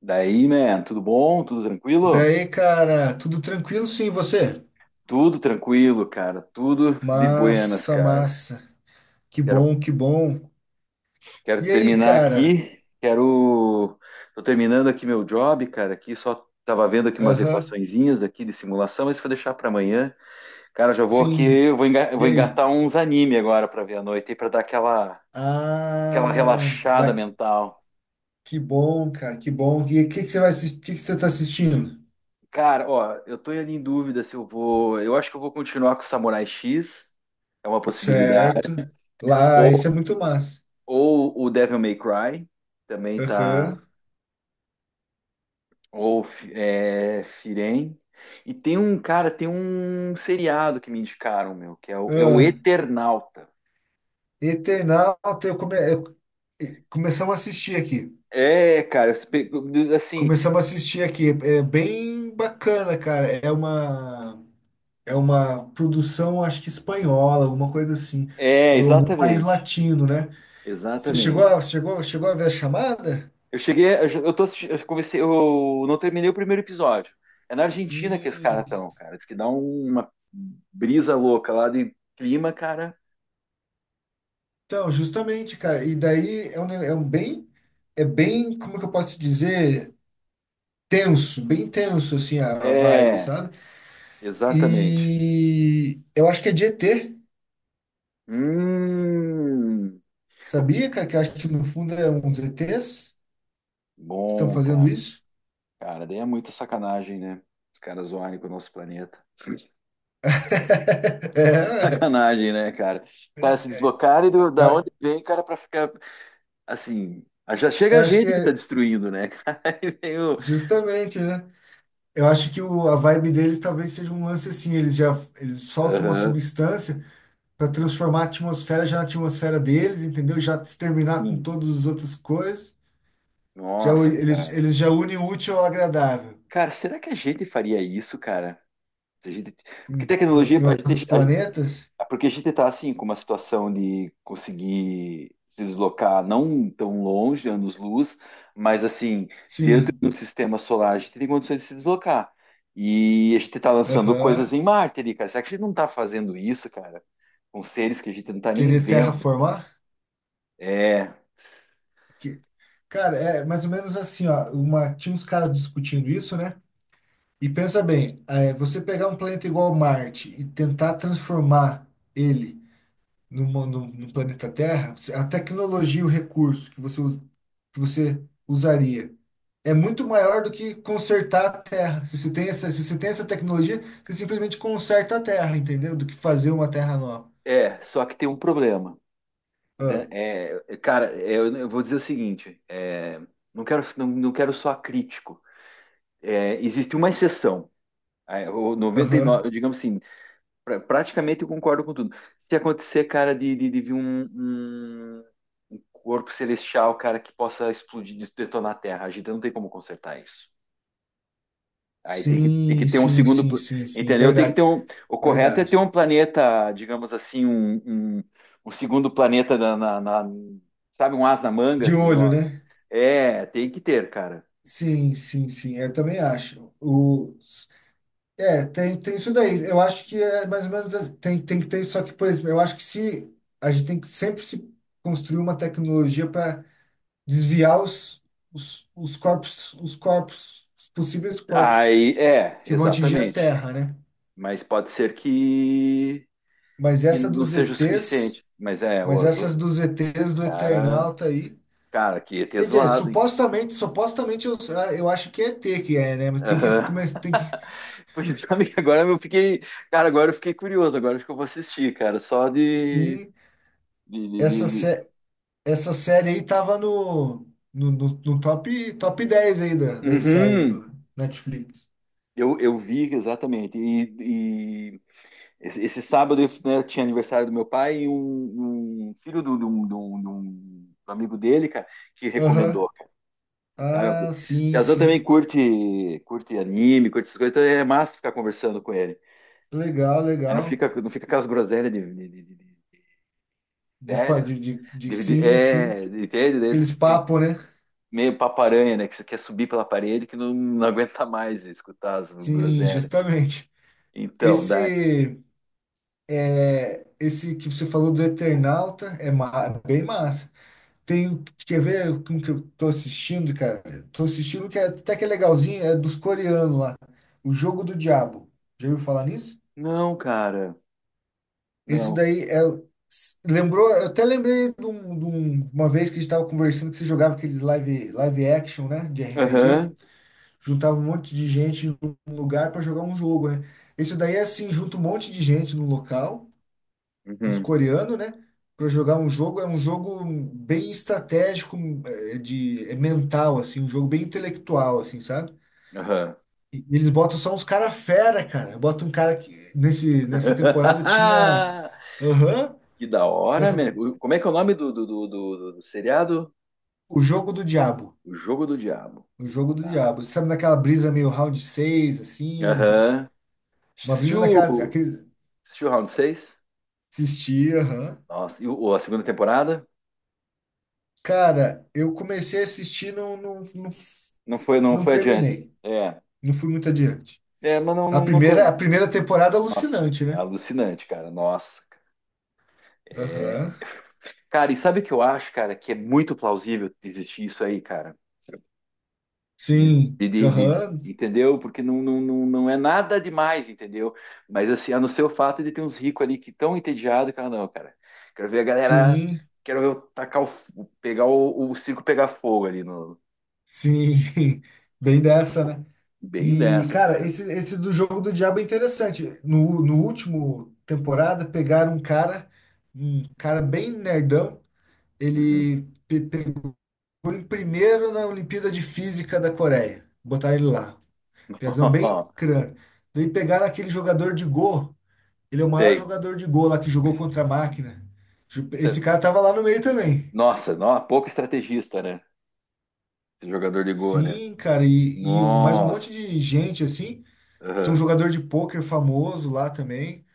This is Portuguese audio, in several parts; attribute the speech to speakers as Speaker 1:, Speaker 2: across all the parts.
Speaker 1: Daí, man, tudo bom? Tudo tranquilo?
Speaker 2: Daí, cara, tudo tranquilo sim, e você?
Speaker 1: Tudo tranquilo, cara. Tudo de buenas,
Speaker 2: Massa,
Speaker 1: cara.
Speaker 2: massa. Que
Speaker 1: Quero,
Speaker 2: bom, que bom.
Speaker 1: quero
Speaker 2: E aí,
Speaker 1: terminar
Speaker 2: cara?
Speaker 1: aqui. Quero. Tô terminando aqui meu job, cara. Aqui só tava vendo aqui umas
Speaker 2: Aham,
Speaker 1: equaçõezinhas aqui de simulação, mas isso eu vou deixar pra amanhã. Cara, já vou aqui,
Speaker 2: sim.
Speaker 1: eu
Speaker 2: E
Speaker 1: vou
Speaker 2: aí?
Speaker 1: engatar uns anime agora pra ver à noite, aí pra dar aquela, aquela
Speaker 2: Ah,
Speaker 1: relaxada mental.
Speaker 2: Que bom, cara, que bom. E o que que você vai assistir? Que você tá assistindo?
Speaker 1: Cara, ó, eu tô ali em dúvida se eu vou. Eu acho que eu vou continuar com o Samurai X. É uma possibilidade.
Speaker 2: Certo. Lá, esse é muito massa.
Speaker 1: Ou o Devil May Cry, também tá.
Speaker 2: Aham.
Speaker 1: Ou é, Firen. E tem um seriado que me indicaram, meu, que é é o
Speaker 2: Ah,
Speaker 1: Eternauta.
Speaker 2: Eternauta, eu, come... eu- e- começamos a assistir aqui.
Speaker 1: É, cara, assim,
Speaker 2: Começamos a assistir aqui. É bem bacana, cara. É uma produção, acho que espanhola, alguma coisa assim,
Speaker 1: é,
Speaker 2: ou algum país
Speaker 1: exatamente.
Speaker 2: latino, né? Você chegou
Speaker 1: Exatamente.
Speaker 2: a, chegou, chegou a ver a chamada?
Speaker 1: Eu cheguei, eu tô assistindo, eu comecei, eu não terminei o primeiro episódio. É na Argentina que os caras
Speaker 2: Sim.
Speaker 1: estão, cara. Diz que uma brisa louca lá de clima, cara.
Speaker 2: Então, justamente, cara, e daí é bem, como que eu posso dizer, tenso, bem tenso, assim, a vibe,
Speaker 1: É,
Speaker 2: sabe?
Speaker 1: exatamente.
Speaker 2: E eu acho que é de ET,
Speaker 1: Hum.
Speaker 2: sabia, cara? Que eu acho que no fundo é uns ETs que estão
Speaker 1: Bom,
Speaker 2: fazendo
Speaker 1: cara.
Speaker 2: isso.
Speaker 1: Cara, daí é muita sacanagem, né? Os caras zoarem com o nosso planeta.
Speaker 2: É,
Speaker 1: Sacanagem, né, cara? Cara, se deslocarem da onde
Speaker 2: eu
Speaker 1: vem, cara, pra ficar assim. Ah, Já chega
Speaker 2: eu
Speaker 1: a
Speaker 2: acho que
Speaker 1: gente que tá
Speaker 2: é
Speaker 1: destruindo, né, cara?
Speaker 2: justamente, né? Eu acho que a vibe deles talvez seja um lance assim, eles soltam uma
Speaker 1: Aham,
Speaker 2: substância para transformar a atmosfera já na atmosfera deles, entendeu? Já exterminar com
Speaker 1: sim.
Speaker 2: todas as outras coisas. Já u-
Speaker 1: Nossa,
Speaker 2: eles,
Speaker 1: cara.
Speaker 2: eles já unem o útil ao agradável.
Speaker 1: Cara, será que a gente faria isso, cara? Se a gente... Porque
Speaker 2: Em,
Speaker 1: tecnologia,
Speaker 2: em
Speaker 1: a gente,
Speaker 2: outros planetas?
Speaker 1: é porque a gente está assim com uma situação de conseguir se deslocar não tão longe, anos-luz, mas assim, dentro
Speaker 2: Sim.
Speaker 1: do sistema solar a gente tem condições de se deslocar. E a gente está lançando coisas
Speaker 2: Aham.
Speaker 1: em Marte ali, cara. Será que a gente não está fazendo isso, cara? Com seres que a gente não está nem
Speaker 2: Querer
Speaker 1: vendo.
Speaker 2: terraformar?
Speaker 1: É,
Speaker 2: Que, cara, é mais ou menos assim, ó, tinha uns caras discutindo isso, né? E pensa bem, é, você pegar um planeta igual Marte e tentar transformar ele no planeta Terra, a tecnologia, e o recurso que você usaria é muito maior do que consertar a Terra. Se você tem essa tecnologia, você simplesmente conserta a Terra, entendeu? Do que fazer uma Terra nova.
Speaker 1: só que tem um problema,
Speaker 2: Ah,
Speaker 1: né? Eu vou dizer o seguinte, não quero, não quero soar crítico. É, existe uma exceção. Aí, o noventa e
Speaker 2: aham.
Speaker 1: nove digamos assim, praticamente eu concordo com tudo. Se acontecer, cara, de vir um, um corpo celestial, cara, que possa explodir, detonar a Terra, a gente não tem como consertar isso. Tem que
Speaker 2: Sim,
Speaker 1: ter um
Speaker 2: sim,
Speaker 1: segundo,
Speaker 2: sim, sim, sim, é
Speaker 1: entendeu? Tem que
Speaker 2: verdade,
Speaker 1: ter um, o correto é ter
Speaker 2: verdade.
Speaker 1: um planeta, digamos assim, um, um segundo planeta sabe, um as na manga,
Speaker 2: De
Speaker 1: dizer,
Speaker 2: olho,
Speaker 1: ó,
Speaker 2: né?
Speaker 1: é, tem que ter, cara.
Speaker 2: Sim, sim, sim, eu também acho. É, tem isso daí. Eu acho que é mais ou menos assim. Tem que ter, só que, por exemplo, eu acho que se a gente tem que sempre se construir uma tecnologia para desviar os corpos, os possíveis corpos
Speaker 1: Aí, é,
Speaker 2: que vão atingir a
Speaker 1: exatamente.
Speaker 2: Terra, né?
Speaker 1: Mas pode ser que
Speaker 2: Mas
Speaker 1: não
Speaker 2: essa dos
Speaker 1: seja o
Speaker 2: ETs,
Speaker 1: suficiente. Mas é, o
Speaker 2: mas essas
Speaker 1: azul,
Speaker 2: dos ETs do
Speaker 1: cara,
Speaker 2: Eternauta aí.
Speaker 1: cara, que ia ter
Speaker 2: Quer dizer,
Speaker 1: zoado, hein?
Speaker 2: supostamente, supostamente eu acho que é ET que é, né? Mas tem que
Speaker 1: Aham.
Speaker 2: começar, tem que.
Speaker 1: Pois é, amigo, agora eu fiquei, cara, agora eu fiquei curioso, agora acho que eu vou assistir, cara, só
Speaker 2: Sim,
Speaker 1: de, de,
Speaker 2: essa,
Speaker 1: de- de-
Speaker 2: sé- Essa série aí tava no top 10 aí das séries
Speaker 1: Uhum.
Speaker 2: do Netflix.
Speaker 1: Eu vi exatamente, e esse sábado né, tinha aniversário do meu pai e um filho do amigo dele, cara, que
Speaker 2: Aham.
Speaker 1: recomendou, cara,
Speaker 2: Ah,
Speaker 1: sabe?
Speaker 2: sim,
Speaker 1: Piazão também
Speaker 2: sim.
Speaker 1: curte, curte anime, curte essas coisas, então é massa ficar conversando com ele.
Speaker 2: Legal,
Speaker 1: Aí não
Speaker 2: legal.
Speaker 1: fica, não fica aquelas groselhas de
Speaker 2: De, fa-
Speaker 1: velho.
Speaker 2: de- Sim, sim.
Speaker 1: Entende? Daí
Speaker 2: Aqueles
Speaker 1: você tem
Speaker 2: papos, né?
Speaker 1: meio paparanha, né? Que você quer subir pela parede que não aguenta mais escutar as
Speaker 2: Sim,
Speaker 1: groselhas.
Speaker 2: justamente.
Speaker 1: Então, daí.
Speaker 2: Esse, esse que você falou do Eternauta é bem massa. Quer ver como que eu tô assistindo, cara? Tô assistindo até que é legalzinho, é dos coreanos lá. O Jogo do Diabo. Já ouviu falar nisso?
Speaker 1: Não, cara.
Speaker 2: Isso
Speaker 1: Não.
Speaker 2: daí é, lembrou, eu até lembrei de uma vez que a gente estava conversando que você jogava aqueles live, live action, né, de RPG,
Speaker 1: Aham.
Speaker 2: juntava um monte de gente em um lugar para jogar um jogo, né? Isso daí é assim, junta um monte de gente no local, uns
Speaker 1: Uhum.
Speaker 2: coreanos, né, para jogar um jogo, é um jogo bem estratégico, é, de é mental assim, um jogo bem intelectual assim, sabe?
Speaker 1: Aham.
Speaker 2: E eles botam só uns cara fera, cara. Bota um cara que nesse nessa temporada tinha. Aham.
Speaker 1: Que da hora,
Speaker 2: Nessa
Speaker 1: man. Como é que é o nome do seriado?
Speaker 2: O Jogo do Diabo.
Speaker 1: O Jogo do Diabo.
Speaker 2: O Jogo do
Speaker 1: Tá.
Speaker 2: Diabo. Sabe naquela brisa meio round 6 assim?
Speaker 1: Aham.
Speaker 2: Uma brisa
Speaker 1: Assistiu,
Speaker 2: naquela.
Speaker 1: assistiu o Round 6?
Speaker 2: Assistia, aham.
Speaker 1: Nossa, e a segunda temporada?
Speaker 2: Cara, eu comecei a assistir,
Speaker 1: Não foi, não
Speaker 2: não
Speaker 1: foi adiante.
Speaker 2: terminei.
Speaker 1: É,
Speaker 2: Não fui muito adiante.
Speaker 1: é, mas não,
Speaker 2: A
Speaker 1: não, não.
Speaker 2: primeira, a
Speaker 1: con-
Speaker 2: primeira temporada é
Speaker 1: Nossa,
Speaker 2: alucinante, né?
Speaker 1: alucinante, cara. Nossa. É,
Speaker 2: Aham.
Speaker 1: cara, e sabe o que eu acho, cara? Que é muito plausível existir isso aí, cara.
Speaker 2: Sim, aham.
Speaker 1: Entendeu? Porque não é nada demais, entendeu? Mas assim, a não ser o fato de ter uns ricos ali que tão entediados, cara, não, cara. Quero ver a galera.
Speaker 2: Sim,
Speaker 1: Quero ver eu tacar pegar o circo pegar fogo ali no.
Speaker 2: sim. Bem dessa, né?
Speaker 1: Bem
Speaker 2: E,
Speaker 1: dessa,
Speaker 2: cara,
Speaker 1: cara.
Speaker 2: esse do Jogo do Diabo é interessante. No último temporada, pegaram um cara bem nerdão.
Speaker 1: Uhum.
Speaker 2: Ele pegou em primeiro na Olimpíada de Física da Coreia. Botaram ele lá. Piazão bem crânio. Daí pegaram aquele jogador de Go. Ele é o maior
Speaker 1: Sei.
Speaker 2: jogador de Go lá que jogou contra a máquina. Esse cara tava lá no meio também.
Speaker 1: Nossa, pouco estrategista, né? Esse jogador de Goa, né?
Speaker 2: Sim, cara, e mais um monte
Speaker 1: Nossa.
Speaker 2: de gente assim. Tem um
Speaker 1: Aham,
Speaker 2: jogador de pôquer famoso lá também,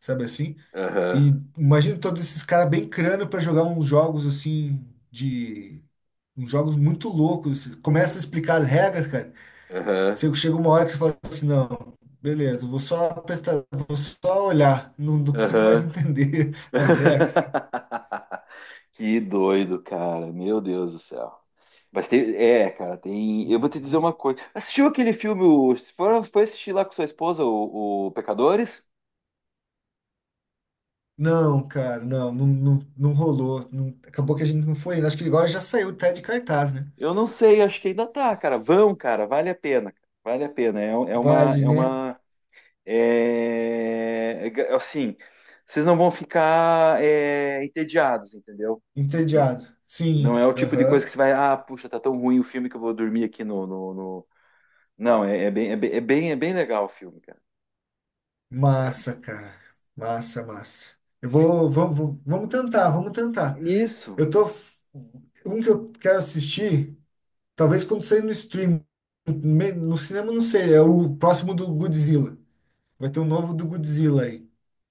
Speaker 2: sabe assim?
Speaker 1: aham,
Speaker 2: E imagina todos esses caras bem crânio para jogar uns jogos assim de uns jogos muito loucos. Assim, começa a explicar as regras, cara.
Speaker 1: aham,
Speaker 2: Você chega uma hora que você fala assim, não, beleza, eu vou só prestar, vou só olhar, não consigo mais
Speaker 1: aham.
Speaker 2: entender as regras.
Speaker 1: Que doido, cara. Meu Deus do céu. Mas tem, é, cara, tem. Eu vou te dizer
Speaker 2: Uhum.
Speaker 1: uma coisa. Assistiu aquele filme? O- se for- Foi assistir lá com sua esposa, o Pecadores?
Speaker 2: Não, cara, não rolou. Acabou que a gente não foi. Acho que agora já saiu até de cartaz, né?
Speaker 1: Eu não sei, acho que ainda tá, cara. Vão, cara, vale a pena. Vale a pena. É, um, é uma,
Speaker 2: Vale,
Speaker 1: é
Speaker 2: né?
Speaker 1: uma, É, é, assim, vocês não vão ficar é, entediados, entendeu?
Speaker 2: Entediado.
Speaker 1: Não
Speaker 2: Sim,
Speaker 1: é o tipo de coisa
Speaker 2: aham.
Speaker 1: que você vai, ah, puxa, tá tão ruim o filme que eu vou dormir aqui no... Não, é bem legal o filme, cara.
Speaker 2: Massa, cara. Massa, massa. Vamos tentar, vamos tentar.
Speaker 1: Isso.
Speaker 2: Eu tô. Um que eu quero assistir, talvez quando sair no stream, no cinema não sei, é o próximo do Godzilla. Vai ter um novo do Godzilla aí.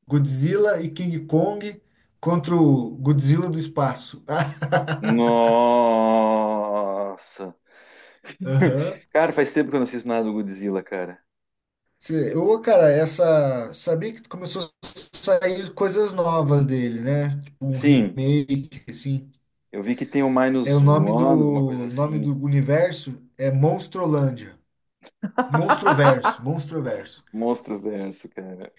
Speaker 2: Godzilla e King Kong contra o Godzilla do espaço.
Speaker 1: Nossa.
Speaker 2: Aham.
Speaker 1: Cara, faz tempo que eu não assisto nada do Godzilla, cara.
Speaker 2: Ô, cara, essa. Sabia que começou a sair coisas novas dele, né? Tipo um
Speaker 1: Sim,
Speaker 2: remake, assim.
Speaker 1: eu vi que tem o
Speaker 2: É o
Speaker 1: Minus
Speaker 2: nome
Speaker 1: One, alguma coisa
Speaker 2: do nome
Speaker 1: assim.
Speaker 2: do universo é Monstrolândia. Monstroverso, Monstroverso.
Speaker 1: Monstro Verso, cara.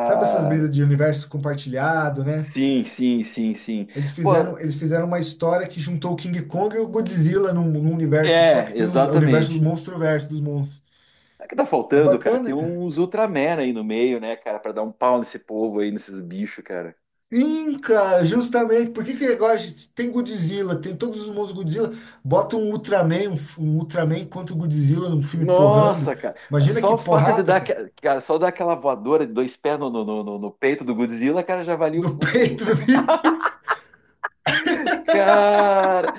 Speaker 2: Sabe essas brisas de universo compartilhado, né?
Speaker 1: sim, sim, sim, sim.
Speaker 2: Eles
Speaker 1: Pô,
Speaker 2: fizeram, eles fizeram uma história que juntou o King Kong e o Godzilla num universo só
Speaker 1: é,
Speaker 2: que tem o universo dos
Speaker 1: exatamente.
Speaker 2: Monstroverso, dos monstros.
Speaker 1: Sabe o que tá
Speaker 2: É
Speaker 1: faltando, cara? Tem
Speaker 2: bacana, cara.
Speaker 1: uns Ultraman aí no meio, né, cara, pra dar um pau nesse povo aí, nesses bichos, cara.
Speaker 2: Sim, cara, justamente. Por que que agora a gente tem Godzilla, tem todos os monstros Godzilla, bota um Ultraman, um Ultraman contra o Godzilla num filme porrando.
Speaker 1: Nossa, cara,
Speaker 2: Imagina
Speaker 1: só
Speaker 2: que
Speaker 1: o fato de
Speaker 2: porrada,
Speaker 1: dar, aque-
Speaker 2: cara,
Speaker 1: cara, só dar aquela voadora de dois pés no peito do Godzilla, cara, já valia
Speaker 2: no peito do bicho.
Speaker 1: cara,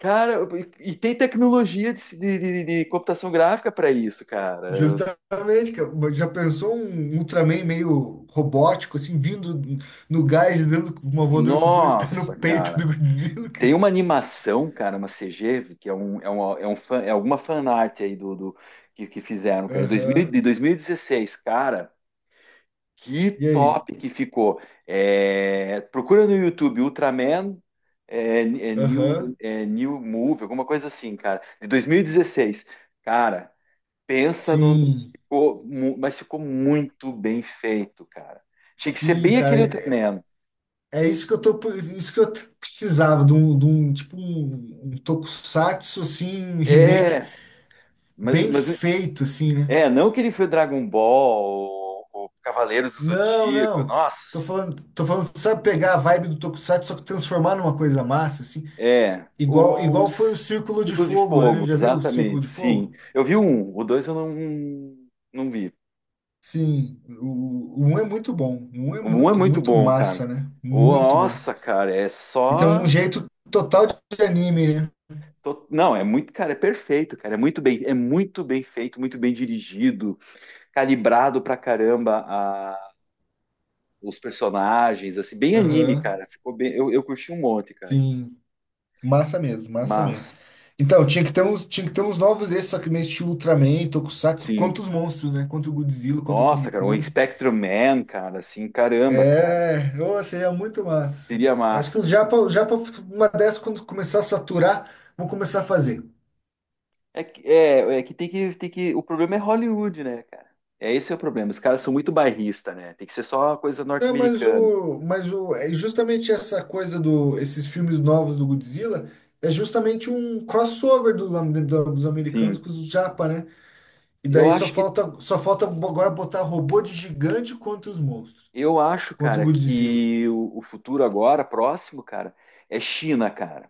Speaker 1: cara, e tem tecnologia de computação gráfica para isso, cara.
Speaker 2: Justamente, cara. Mas já pensou um Ultraman meio robótico, assim, vindo no gás e dando uma voadora com os dois pés
Speaker 1: Nossa,
Speaker 2: no peito
Speaker 1: cara.
Speaker 2: do Godzilla,
Speaker 1: Tem
Speaker 2: cara?
Speaker 1: uma animação, cara, uma CG, que é é um fan, é alguma fanart aí do que fizeram, cara, em 2000 de
Speaker 2: Aham.
Speaker 1: 2016, cara, que
Speaker 2: E aí?
Speaker 1: top que ficou. É, procura no YouTube Ultraman New,
Speaker 2: Aham.
Speaker 1: New Move, alguma coisa assim, cara, de 2016. Cara, pensa no.
Speaker 2: Sim.
Speaker 1: Mas ficou muito bem feito, cara. Tinha que ser
Speaker 2: Sim,
Speaker 1: bem
Speaker 2: cara.
Speaker 1: aquele
Speaker 2: É
Speaker 1: Ultraman.
Speaker 2: é isso que eu tô, isso que eu t- precisava de um tipo um tokusatsu assim, um remake
Speaker 1: É,
Speaker 2: bem
Speaker 1: mas
Speaker 2: feito assim, né?
Speaker 1: é, não que ele foi Dragon Ball, ou Cavaleiros do
Speaker 2: Não,
Speaker 1: Zodíaco,
Speaker 2: não.
Speaker 1: nossa.
Speaker 2: Tô falando, sabe pegar a vibe do tokusatsu só que transformar numa coisa massa assim.
Speaker 1: É,
Speaker 2: Igual,
Speaker 1: o
Speaker 2: igual foi o Círculo de
Speaker 1: Círculo de
Speaker 2: Fogo, né?
Speaker 1: Fogo,
Speaker 2: Já viu o Círculo
Speaker 1: exatamente,
Speaker 2: de
Speaker 1: sim.
Speaker 2: Fogo?
Speaker 1: Eu vi um, o dois eu não, não vi.
Speaker 2: Sim, o 1 é muito bom. O 1 é
Speaker 1: O um é
Speaker 2: muito,
Speaker 1: muito
Speaker 2: muito
Speaker 1: bom, cara.
Speaker 2: massa, né? Muito massa.
Speaker 1: Nossa, cara, é
Speaker 2: E tem um
Speaker 1: só.
Speaker 2: jeito total de anime, né?
Speaker 1: Não, é muito, cara, é perfeito, cara. É muito bem feito, muito bem dirigido, calibrado pra caramba os personagens, assim, bem anime,
Speaker 2: Aham.
Speaker 1: cara. Ficou bem. Eu curti um monte, cara.
Speaker 2: Sim, massa mesmo, massa mesmo.
Speaker 1: Mas,
Speaker 2: Então, tinha que ter uns novos desses, só que meio estilo Ultraman, Tokusatsu,
Speaker 1: sim.
Speaker 2: contra os monstros, né? Contra o Godzilla, contra o King
Speaker 1: Nossa, cara, o
Speaker 2: Kong.
Speaker 1: Spectrum Man, cara, assim, caramba, cara.
Speaker 2: É, ô, seria muito massa assim.
Speaker 1: Seria
Speaker 2: Acho que
Speaker 1: massa.
Speaker 2: os japa, uma dessas, quando começar a saturar, vão começar a fazer.
Speaker 1: É que tem que tem que o problema é Hollywood, né, cara? É esse é o problema. Os caras são muito bairrista, né? Tem que ser só uma coisa
Speaker 2: Não,
Speaker 1: norte-americana.
Speaker 2: é justamente esses filmes novos do Godzilla é justamente um crossover dos americanos
Speaker 1: Enfim,
Speaker 2: com os japa, né? E
Speaker 1: eu
Speaker 2: daí
Speaker 1: acho que
Speaker 2: só falta agora botar robô de gigante contra os monstros,
Speaker 1: eu acho,
Speaker 2: contra o
Speaker 1: cara,
Speaker 2: Godzilla.
Speaker 1: que o futuro agora próximo, cara, é China, cara.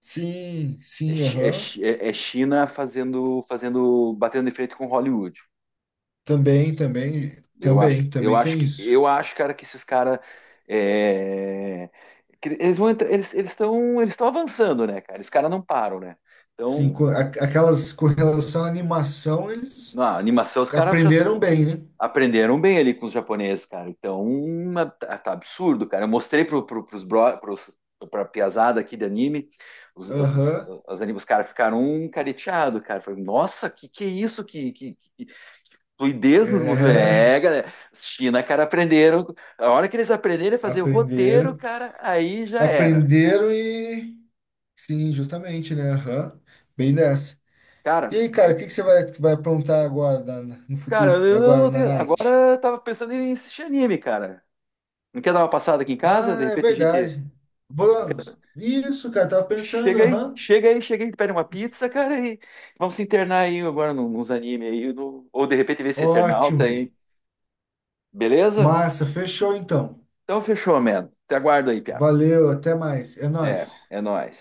Speaker 2: Sim,
Speaker 1: É,
Speaker 2: sim, aham.
Speaker 1: é China fazendo fazendo batendo de frente com Hollywood.
Speaker 2: Também, também, também, também tem isso.
Speaker 1: Eu acho, cara, que esses caras é, que eles vão entrar, eles estão avançando, né, cara? Esses caras não param, né?
Speaker 2: Sim,
Speaker 1: Então,
Speaker 2: aquelas com relação à animação, eles
Speaker 1: na animação os caras já se-
Speaker 2: aprenderam bem, né?
Speaker 1: aprenderam bem ali com os japoneses, cara. Então, tá, tá absurdo, cara. Eu mostrei pro, pro, pros bro, pros, pra piazada aqui de anime, os, as,
Speaker 2: Aham.
Speaker 1: os caras ficaram um careteado, cara. Falei, nossa, que é isso? Fluidez nos movimentos.
Speaker 2: É,
Speaker 1: É, galera. Os China, cara, aprenderam. A hora que eles aprenderem a fazer o roteiro,
Speaker 2: aprenderam.
Speaker 1: cara, aí já era.
Speaker 2: Aprenderam e. Sim, justamente, né? Aham. Bem dessa. E
Speaker 1: Cara,
Speaker 2: aí,
Speaker 1: eu-
Speaker 2: cara, o que que você vai aprontar agora, no
Speaker 1: cara,
Speaker 2: futuro,
Speaker 1: eu
Speaker 2: agora
Speaker 1: não
Speaker 2: na
Speaker 1: tenho. Agora
Speaker 2: night?
Speaker 1: eu tava pensando em assistir anime, cara. Não quer dar uma passada aqui em casa? De
Speaker 2: Ah, é
Speaker 1: repente a gente.
Speaker 2: verdade.
Speaker 1: Não quer...
Speaker 2: Vamos. Isso, cara, tava pensando, aham.
Speaker 1: Chega aí, pede uma pizza, cara, e vamos se internar aí agora nos animes aí. Ou de repente ver esse Eternauta
Speaker 2: Ótimo.
Speaker 1: aí. Beleza?
Speaker 2: Massa, fechou então.
Speaker 1: Então fechou, mano. Te aguardo aí, Piá.
Speaker 2: Valeu, até mais. É
Speaker 1: Até,
Speaker 2: nóis.
Speaker 1: é nóis.